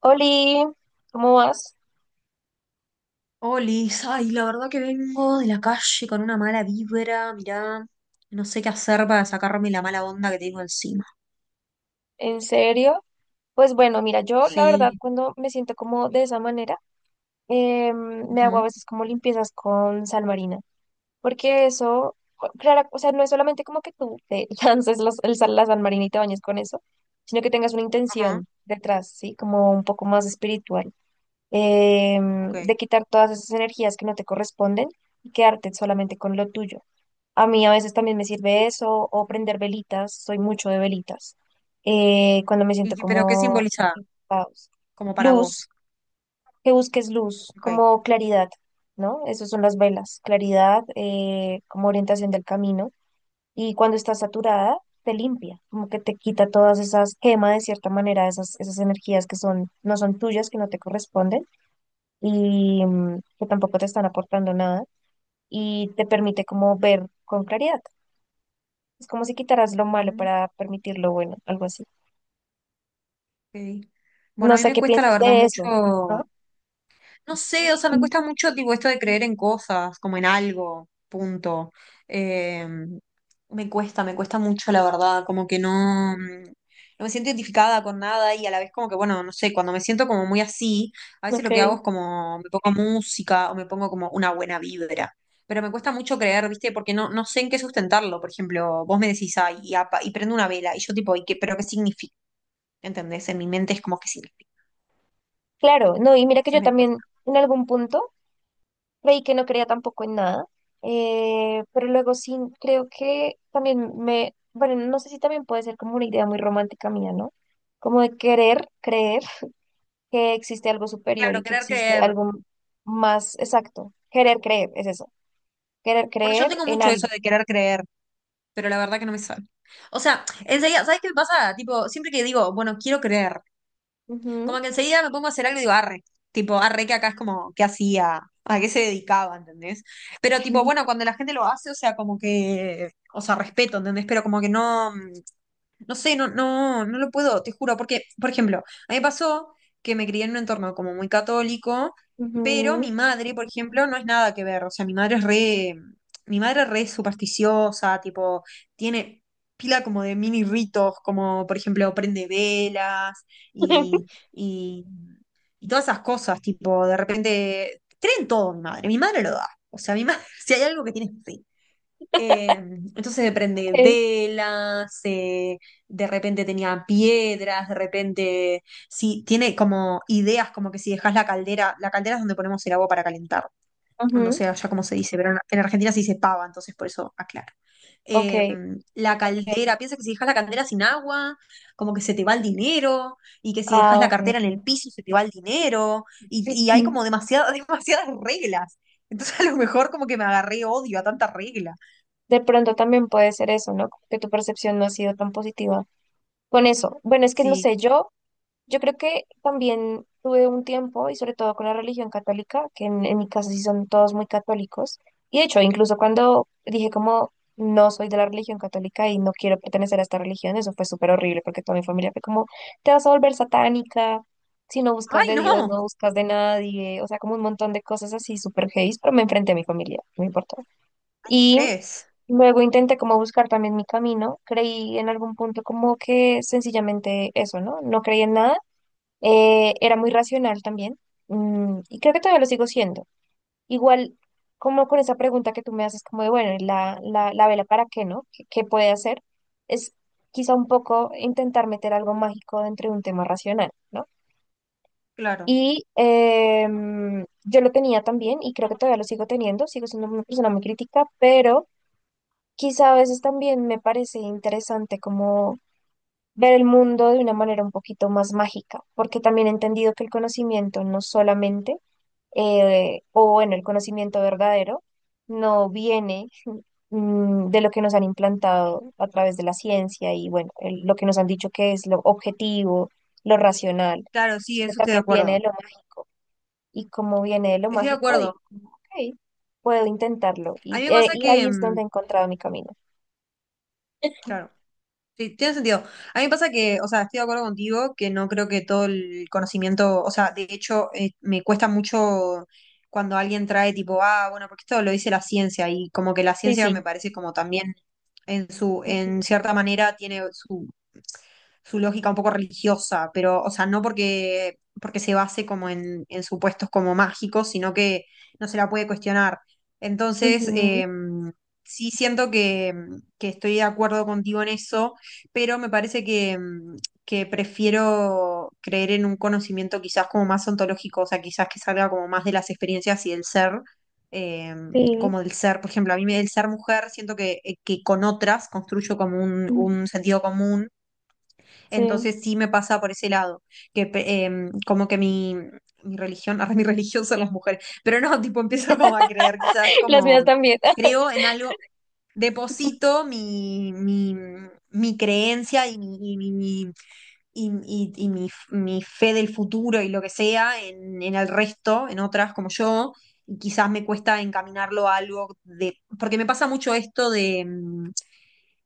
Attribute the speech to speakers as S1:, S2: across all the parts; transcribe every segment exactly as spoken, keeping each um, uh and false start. S1: Oli, ¿cómo vas?
S2: Olis, ay, la verdad que vengo de la calle con una mala vibra, mirá, no sé qué hacer para sacarme la mala onda que tengo encima.
S1: ¿En serio? Pues bueno, mira, yo la verdad
S2: Sí,
S1: cuando me siento como de esa manera, eh, me hago a
S2: ujú,
S1: veces como limpiezas con sal marina, porque eso, claro, o sea, no es solamente como que tú te lances los- el sal- la sal marina y te bañes con eso, sino que tengas una
S2: ajá,
S1: intención detrás, ¿sí? Como un poco más espiritual, eh,
S2: ok.
S1: de quitar todas esas energías que no te corresponden y quedarte solamente con lo tuyo. A mí a veces también me sirve eso o prender velitas, soy mucho de velitas. Eh, cuando me
S2: ¿Y
S1: siento
S2: qué- pero qué
S1: como
S2: simboliza?
S1: en caos.
S2: Como para
S1: Luz,
S2: vos.
S1: que busques luz,
S2: Ok,
S1: como claridad, ¿no? Esas son las velas, claridad, eh, como orientación del camino. Y cuando estás
S2: ujú,
S1: saturada, te limpia, como que te quita todas esas, quema de cierta manera esas, esas energías que son, no son tuyas, que no te corresponden y mm, que tampoco te están aportando nada y te permite como ver con claridad. Es como si quitaras lo malo
S2: ujú,
S1: para permitir lo bueno, algo así.
S2: ok. Bueno,
S1: No
S2: a mí
S1: sé
S2: me
S1: qué
S2: cuesta la
S1: pienses
S2: verdad
S1: de eso, ¿no?
S2: mucho. No sé, o sea, me
S1: Mm.
S2: cuesta mucho tipo esto de creer en cosas, como en algo, punto. Eh, Me cuesta, me cuesta mucho, la verdad, como que no, mm, no me siento identificada con nada y a la vez como que, bueno, no sé, cuando me siento como muy así, a veces
S1: Ok.
S2: lo que hago es como me pongo música o me pongo como una buena vibra. Pero me cuesta mucho creer, ¿viste? Porque no, no sé en qué sustentarlo. Por ejemplo, vos me decís, ay, y, apa- y prendo una vela, y yo tipo, ¿y qué, pero qué significa? ¿Entendés? En mi mente es como que significa.
S1: Claro, no, y mira que
S2: Entonces
S1: yo
S2: me cuesta.
S1: también en algún punto creí que no creía tampoco en nada, eh, pero luego sí creo que también me, bueno, no sé si también puede ser como una idea muy romántica mía, ¿no? Como de querer creer que existe algo superior
S2: Claro,
S1: y que
S2: querer
S1: existe
S2: creer.
S1: algo más exacto. Querer creer, es eso, querer
S2: Bueno, yo
S1: creer
S2: tengo
S1: en
S2: mucho eso
S1: algo.
S2: de querer creer, pero la verdad que no me sale. O sea, enseguida, ¿sabes qué me pasa? Tipo, siempre que digo, bueno, quiero creer,
S1: Ujú.
S2: como que enseguida me pongo a hacer algo y digo, arre. Tipo, arre, que acá es como, ¿qué hacía? ¿A qué se dedicaba? ¿Entendés? Pero tipo, bueno, cuando la gente lo hace, o sea, como que, o sea, respeto, ¿entendés? Pero como que no. No sé, no, no, no lo puedo, te juro, porque, por ejemplo, a mí me pasó que me crié en un entorno como muy católico, pero
S1: Ujú.
S2: mi madre, por ejemplo, no es nada que ver, o sea, mi madre es re, mi madre es re supersticiosa, tipo, tiene pila como de mini ritos, como, por ejemplo, prende velas y, y, y todas esas cosas, tipo, de repente, cree en todo mi madre, mi madre lo da, o sea, mi madre, si hay algo que tiene, fe. Eh, entonces se prende
S1: Ok.
S2: velas, eh, de repente tenía piedras, de repente sí, tiene como ideas como que si dejas la caldera, la caldera es donde ponemos el agua para calentar, no
S1: Ujú.
S2: sé allá cómo se dice, pero en, en Argentina se dice pava, entonces por eso aclaro.
S1: Ok,
S2: Eh, la caldera, piensa que si dejas la caldera sin agua, como que se te va el dinero, y que si dejas
S1: ah,
S2: la
S1: ok,
S2: cartera
S1: ok.
S2: en el piso se te va el dinero, y, y hay como demasiadas, demasiadas reglas. Entonces a lo mejor como que me agarré odio a tanta regla.
S1: De pronto también puede ser eso, ¿no? Como que tu percepción no ha sido tan positiva con eso. Bueno, es que no
S2: Sí.
S1: sé, yo yo creo que también tuve un tiempo, y sobre todo con la religión católica, que en, en mi casa sí son todos muy católicos. Y de hecho, incluso cuando dije como no soy de la religión católica y no quiero pertenecer a esta religión, eso fue súper horrible porque toda mi familia fue como, te vas a volver satánica, si no buscas
S2: Ay,
S1: de Dios,
S2: no,
S1: no buscas de nadie, o sea, como un montón de cosas así súper heavy, pero me enfrenté a mi familia, no importó.
S2: ay,
S1: Y
S2: estrés.
S1: luego intenté como buscar también mi camino, creí en algún punto como que sencillamente eso, ¿no? No creí en nada, eh, era muy racional también, mm, y creo que todavía lo sigo siendo. Igual, como con esa pregunta que tú me haces, como de, bueno, ¿y la, la, la vela para qué, ¿no? ¿Qué, qué puede hacer? Es quizá un poco intentar meter algo mágico dentro de un tema racional, ¿no?
S2: Claro,
S1: Y em, yo lo tenía también, y creo que todavía lo sigo teniendo, sigo siendo una persona muy crítica, pero quizá a veces también me parece interesante como ver el mundo de una manera un poquito más mágica, porque también he entendido que el conocimiento no solamente, eh, o bueno, el conocimiento verdadero, no viene, mm, de lo que nos han implantado a través de la ciencia y bueno, el- lo que nos han dicho que es lo objetivo, lo racional,
S2: claro, sí,
S1: sino
S2: eso estoy de
S1: también viene de
S2: acuerdo.
S1: lo mágico. Y como viene de lo
S2: Estoy de
S1: mágico,
S2: acuerdo.
S1: digo, como, ok, puedo intentarlo.
S2: A
S1: Y,
S2: mí me
S1: eh,
S2: pasa
S1: y
S2: que,
S1: ahí es
S2: mm,
S1: donde he encontrado mi camino.
S2: claro, sí, tiene sentido. A mí me pasa que, o sea, estoy de acuerdo contigo, que no creo que todo el conocimiento, o sea, de hecho, eh, me cuesta mucho cuando alguien trae tipo, ah, bueno, porque esto lo dice la ciencia y como que la
S1: Sí,
S2: ciencia me
S1: sí.
S2: parece como también en su, en
S1: Ujú,
S2: cierta manera tiene su su lógica un poco religiosa, pero, o sea, no porque, porque se base como en, en supuestos como mágicos, sino que no se la puede cuestionar. Entonces,
S1: ujú,
S2: eh, sí siento que, que estoy de acuerdo contigo en eso, pero me parece que, mm, que prefiero creer en un conocimiento quizás como más ontológico, o sea, quizás que salga como más de las experiencias y del ser, eh,
S1: sí.
S2: como del ser, por ejemplo, a mí me- del ser mujer siento que, eh, que con otras construyo como un,
S1: Mm.
S2: un sentido común,
S1: Sí.
S2: entonces sí me pasa por ese lado, que pe- em, como que mi, mi religión, ahora mi religión son las mujeres, pero no, tipo empiezo como a creer quizás
S1: Las mías
S2: como,
S1: también.
S2: creo en algo, deposito mi, mi, mi creencia y mi, y mi- mi- y, y- y mi, mi fe del futuro y lo que sea en, en el resto, en otras como yo, y quizás me cuesta encaminarlo a algo de, porque me pasa mucho esto de, mm,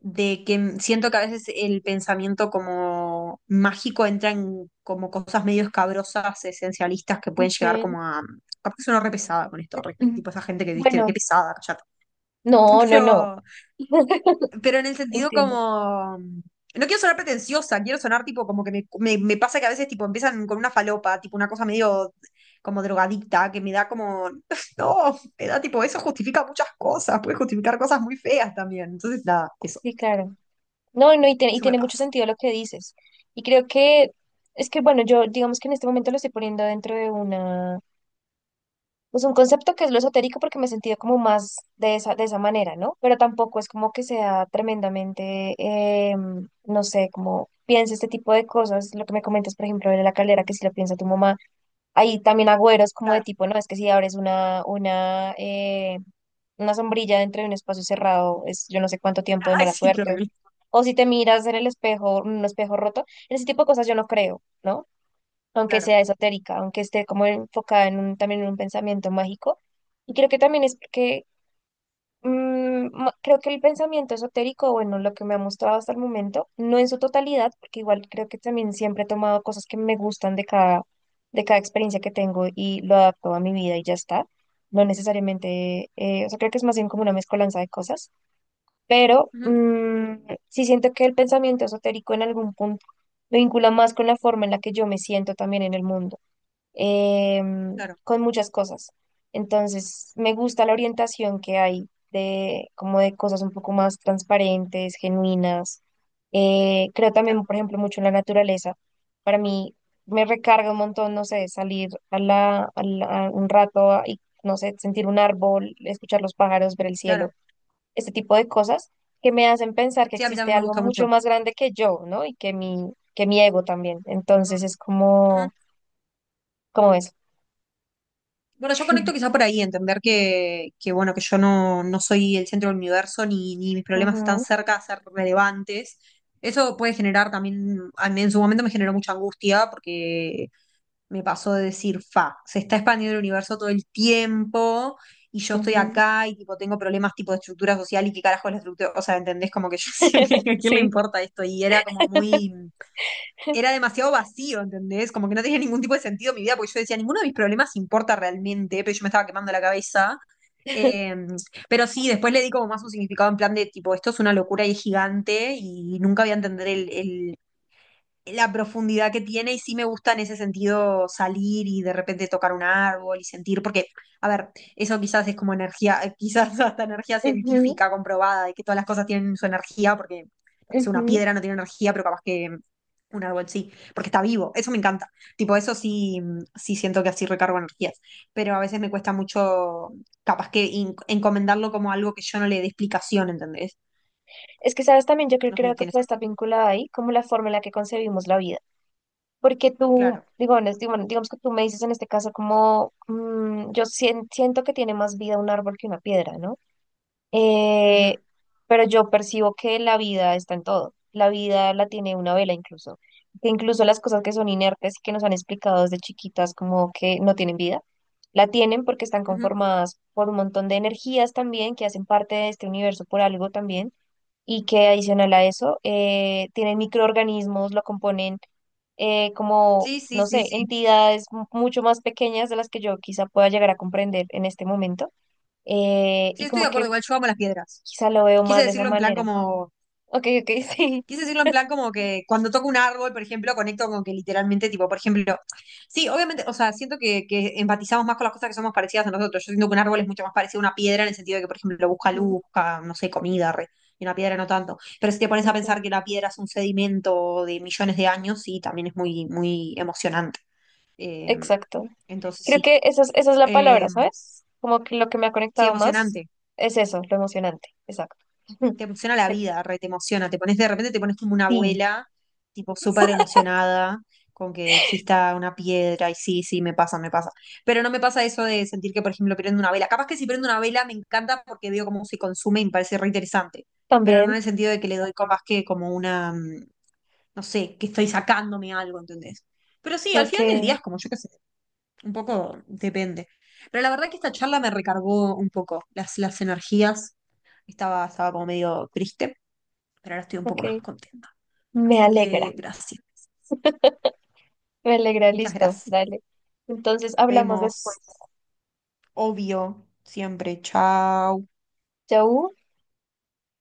S2: de que m- siento que a veces el pensamiento como mágico entra en como cosas medio escabrosas, esencialistas que pueden llegar
S1: Okay.
S2: como a, capaz que sueno re pesada con esto, re-
S1: Mm.
S2: tipo esa gente que viste, qué
S1: Bueno,
S2: pesada, cállate.
S1: no, no, no,
S2: Pero pero en el sentido
S1: entiendo.
S2: como... No quiero sonar pretenciosa, quiero sonar tipo como que me, me- me pasa que a veces tipo empiezan con una falopa, tipo una cosa medio como drogadicta, que me da como... No, me da tipo, eso justifica muchas cosas, puede justificar cosas muy feas también. Entonces, nada, eso,
S1: Sí, claro. No, no, y, tiene- y
S2: eso me
S1: tiene mucho
S2: pasa.
S1: sentido lo que dices. Y creo que es que, bueno, yo digamos que en este momento lo estoy poniendo dentro de una, pues un concepto que es lo esotérico porque me he sentido como más de esa, de esa manera, ¿no? Pero tampoco es como que sea tremendamente, em, no sé, como piensa este tipo de cosas. Lo que me comentas, por ejemplo, de la calera, que si lo piensa tu mamá. Hay también agüeros como de
S2: Claro.
S1: tipo, no, es que si abres una, una, eh, una sombrilla dentro de un espacio cerrado, es yo no sé cuánto tiempo de
S2: Ay,
S1: mala
S2: sí, qué
S1: suerte.
S2: horrible.
S1: O si te miras en el espejo, un espejo roto, en ese tipo de cosas yo no creo, ¿no? Aunque
S2: Claro.
S1: sea esotérica, aunque esté como enfocada en un, también en un pensamiento mágico. Y creo que también es porque Mm, ma- creo que el pensamiento esotérico, bueno, lo que me ha mostrado hasta el momento, no en su totalidad, porque igual creo que también siempre he tomado cosas que me gustan de cada, de cada experiencia que tengo y lo adapto a mi vida y ya está. No necesariamente, eh, o sea, creo que es más bien como una mezcolanza de cosas, pero
S2: Ujú,
S1: mm, sí siento que el pensamiento esotérico en algún punto me vincula más con la forma en la que yo me siento también en el mundo, em,
S2: claro,
S1: con muchas cosas. Entonces, me gusta la orientación que hay de como de cosas un poco más transparentes, genuinas. Eh, creo también,
S2: claro,
S1: por ejemplo, mucho en la naturaleza. Para mí me recarga un montón, no sé, salir a la, a la- a un rato a- y, no sé, sentir un árbol, escuchar los pájaros, ver el cielo,
S2: claro.
S1: este tipo de cosas que me hacen pensar que
S2: Sí, a mí
S1: existe
S2: también me
S1: algo
S2: gusta mucho.
S1: mucho más grande que yo, ¿no? Y que mi, que mi ego también. Entonces es
S2: Ujú.
S1: como, como eso.
S2: Bueno, yo conecto quizá por ahí, entender que, que bueno, que yo no, no soy el centro del universo, ni, ni mis problemas están cerca de ser relevantes. Eso puede generar también, a mí en su momento me generó mucha angustia, porque me pasó de decir, fa, se está expandiendo el universo todo el tiempo, y yo estoy
S1: Ujú.
S2: acá, y tipo tengo problemas tipo de estructura social, y qué carajo es la estructura, o sea, ¿entendés? Como que yo decía, ¿a quién le
S1: Sí.
S2: importa esto? Y era como muy, era demasiado vacío, ¿entendés? Como que no tenía ningún tipo de sentido mi vida, porque yo decía, ninguno de mis problemas importa realmente, pero yo me estaba quemando la cabeza. Eh, pero sí, después le di como más un significado en plan de tipo, esto es una locura y es gigante y nunca voy a entender el, el la profundidad que tiene y sí me gusta en ese sentido salir y de repente tocar un árbol y sentir, porque, a ver, eso quizás es como energía, eh, quizás hasta energía
S1: Ujú,
S2: científica comprobada, de que todas las cosas tienen su energía, porque no sé, una
S1: ujú.
S2: piedra no tiene energía, pero capaz que un árbol sí, porque está vivo, eso me encanta. Tipo, eso sí, mm, sí siento que así recargo energías, pero a veces me cuesta mucho, capaz que in- encomendarlo como algo que yo no le dé explicación, ¿entendés?
S1: Es que, sabes, también yo creo,
S2: No sé
S1: creo
S2: si
S1: que
S2: tienes...
S1: puede estar vinculada ahí como la forma en la que concebimos la vida. Porque tú,
S2: Claro.
S1: digo, en este- bueno, digamos que tú me dices en este caso como, mm, yo sien- siento que tiene más vida un árbol que una piedra, ¿no?
S2: Ujú,
S1: Eh, pero yo percibo que la vida está en todo. La vida la tiene una vela incluso. Que incluso las cosas que son inertes y que nos han explicado desde chiquitas como que no tienen vida, la tienen porque están
S2: ujú.
S1: conformadas por un montón de energías también que hacen parte de este universo por algo también, y que adicional a eso, eh, tienen microorganismos, lo componen, eh, como,
S2: Sí, sí,
S1: no
S2: sí,
S1: sé,
S2: sí.
S1: entidades mu- mucho más pequeñas de las que yo quizá pueda llegar a comprender en este momento, eh,
S2: Sí,
S1: y
S2: estoy de
S1: como que
S2: acuerdo, igual yo amo las piedras.
S1: quizá lo veo
S2: Quise
S1: más de esa
S2: decirlo en plan
S1: manera.
S2: como,
S1: Ok, ok, sí.
S2: quise decirlo en plan como que cuando toco un árbol, por ejemplo, conecto con que literalmente, tipo, por ejemplo, sí, obviamente, o sea, siento que, que empatizamos más con las cosas que somos parecidas a nosotros. Yo siento que un árbol es mucho más parecido a una piedra en el sentido de que, por ejemplo, busca
S1: Ujú,
S2: luz, busca, no sé, comida, re, y una piedra no tanto. Pero si te pones a
S1: ok.
S2: pensar que la piedra es un sedimento de millones de años, sí, también es muy, muy emocionante. Eh,
S1: Exacto.
S2: entonces,
S1: Creo
S2: sí.
S1: que esa es, esa es la
S2: Eh,
S1: palabra, ¿sabes? Como que lo que me ha
S2: sí,
S1: conectado más
S2: emocionante.
S1: es eso, lo emocionante. Exacto.
S2: Te emociona la vida, re, te emociona, te pones de repente, te pones como una
S1: Sí,
S2: abuela, tipo súper emocionada con que exista una piedra y sí, sí, me pasa, me pasa. Pero no me pasa eso de sentir que, por ejemplo, prendo una vela. Capaz que si prendo una vela me encanta porque veo cómo se consume y me parece re interesante, pero no en
S1: también.
S2: el sentido de que le doy capaz que como una, mm, no sé, que estoy sacándome algo, ¿entendés? Pero sí, al
S1: Ok,
S2: final del día es como, yo qué sé, un poco depende. Pero la verdad que esta charla me recargó un poco las, las energías. Estaba, estaba como medio triste pero ahora estoy un poco más
S1: ok.
S2: contenta.
S1: Me
S2: Así que
S1: alegra,
S2: gracias.
S1: me alegra,
S2: Muchas
S1: listo,
S2: gracias.
S1: dale. Entonces hablamos después.
S2: Vemos, obvio, siempre. Chao.
S1: Chau.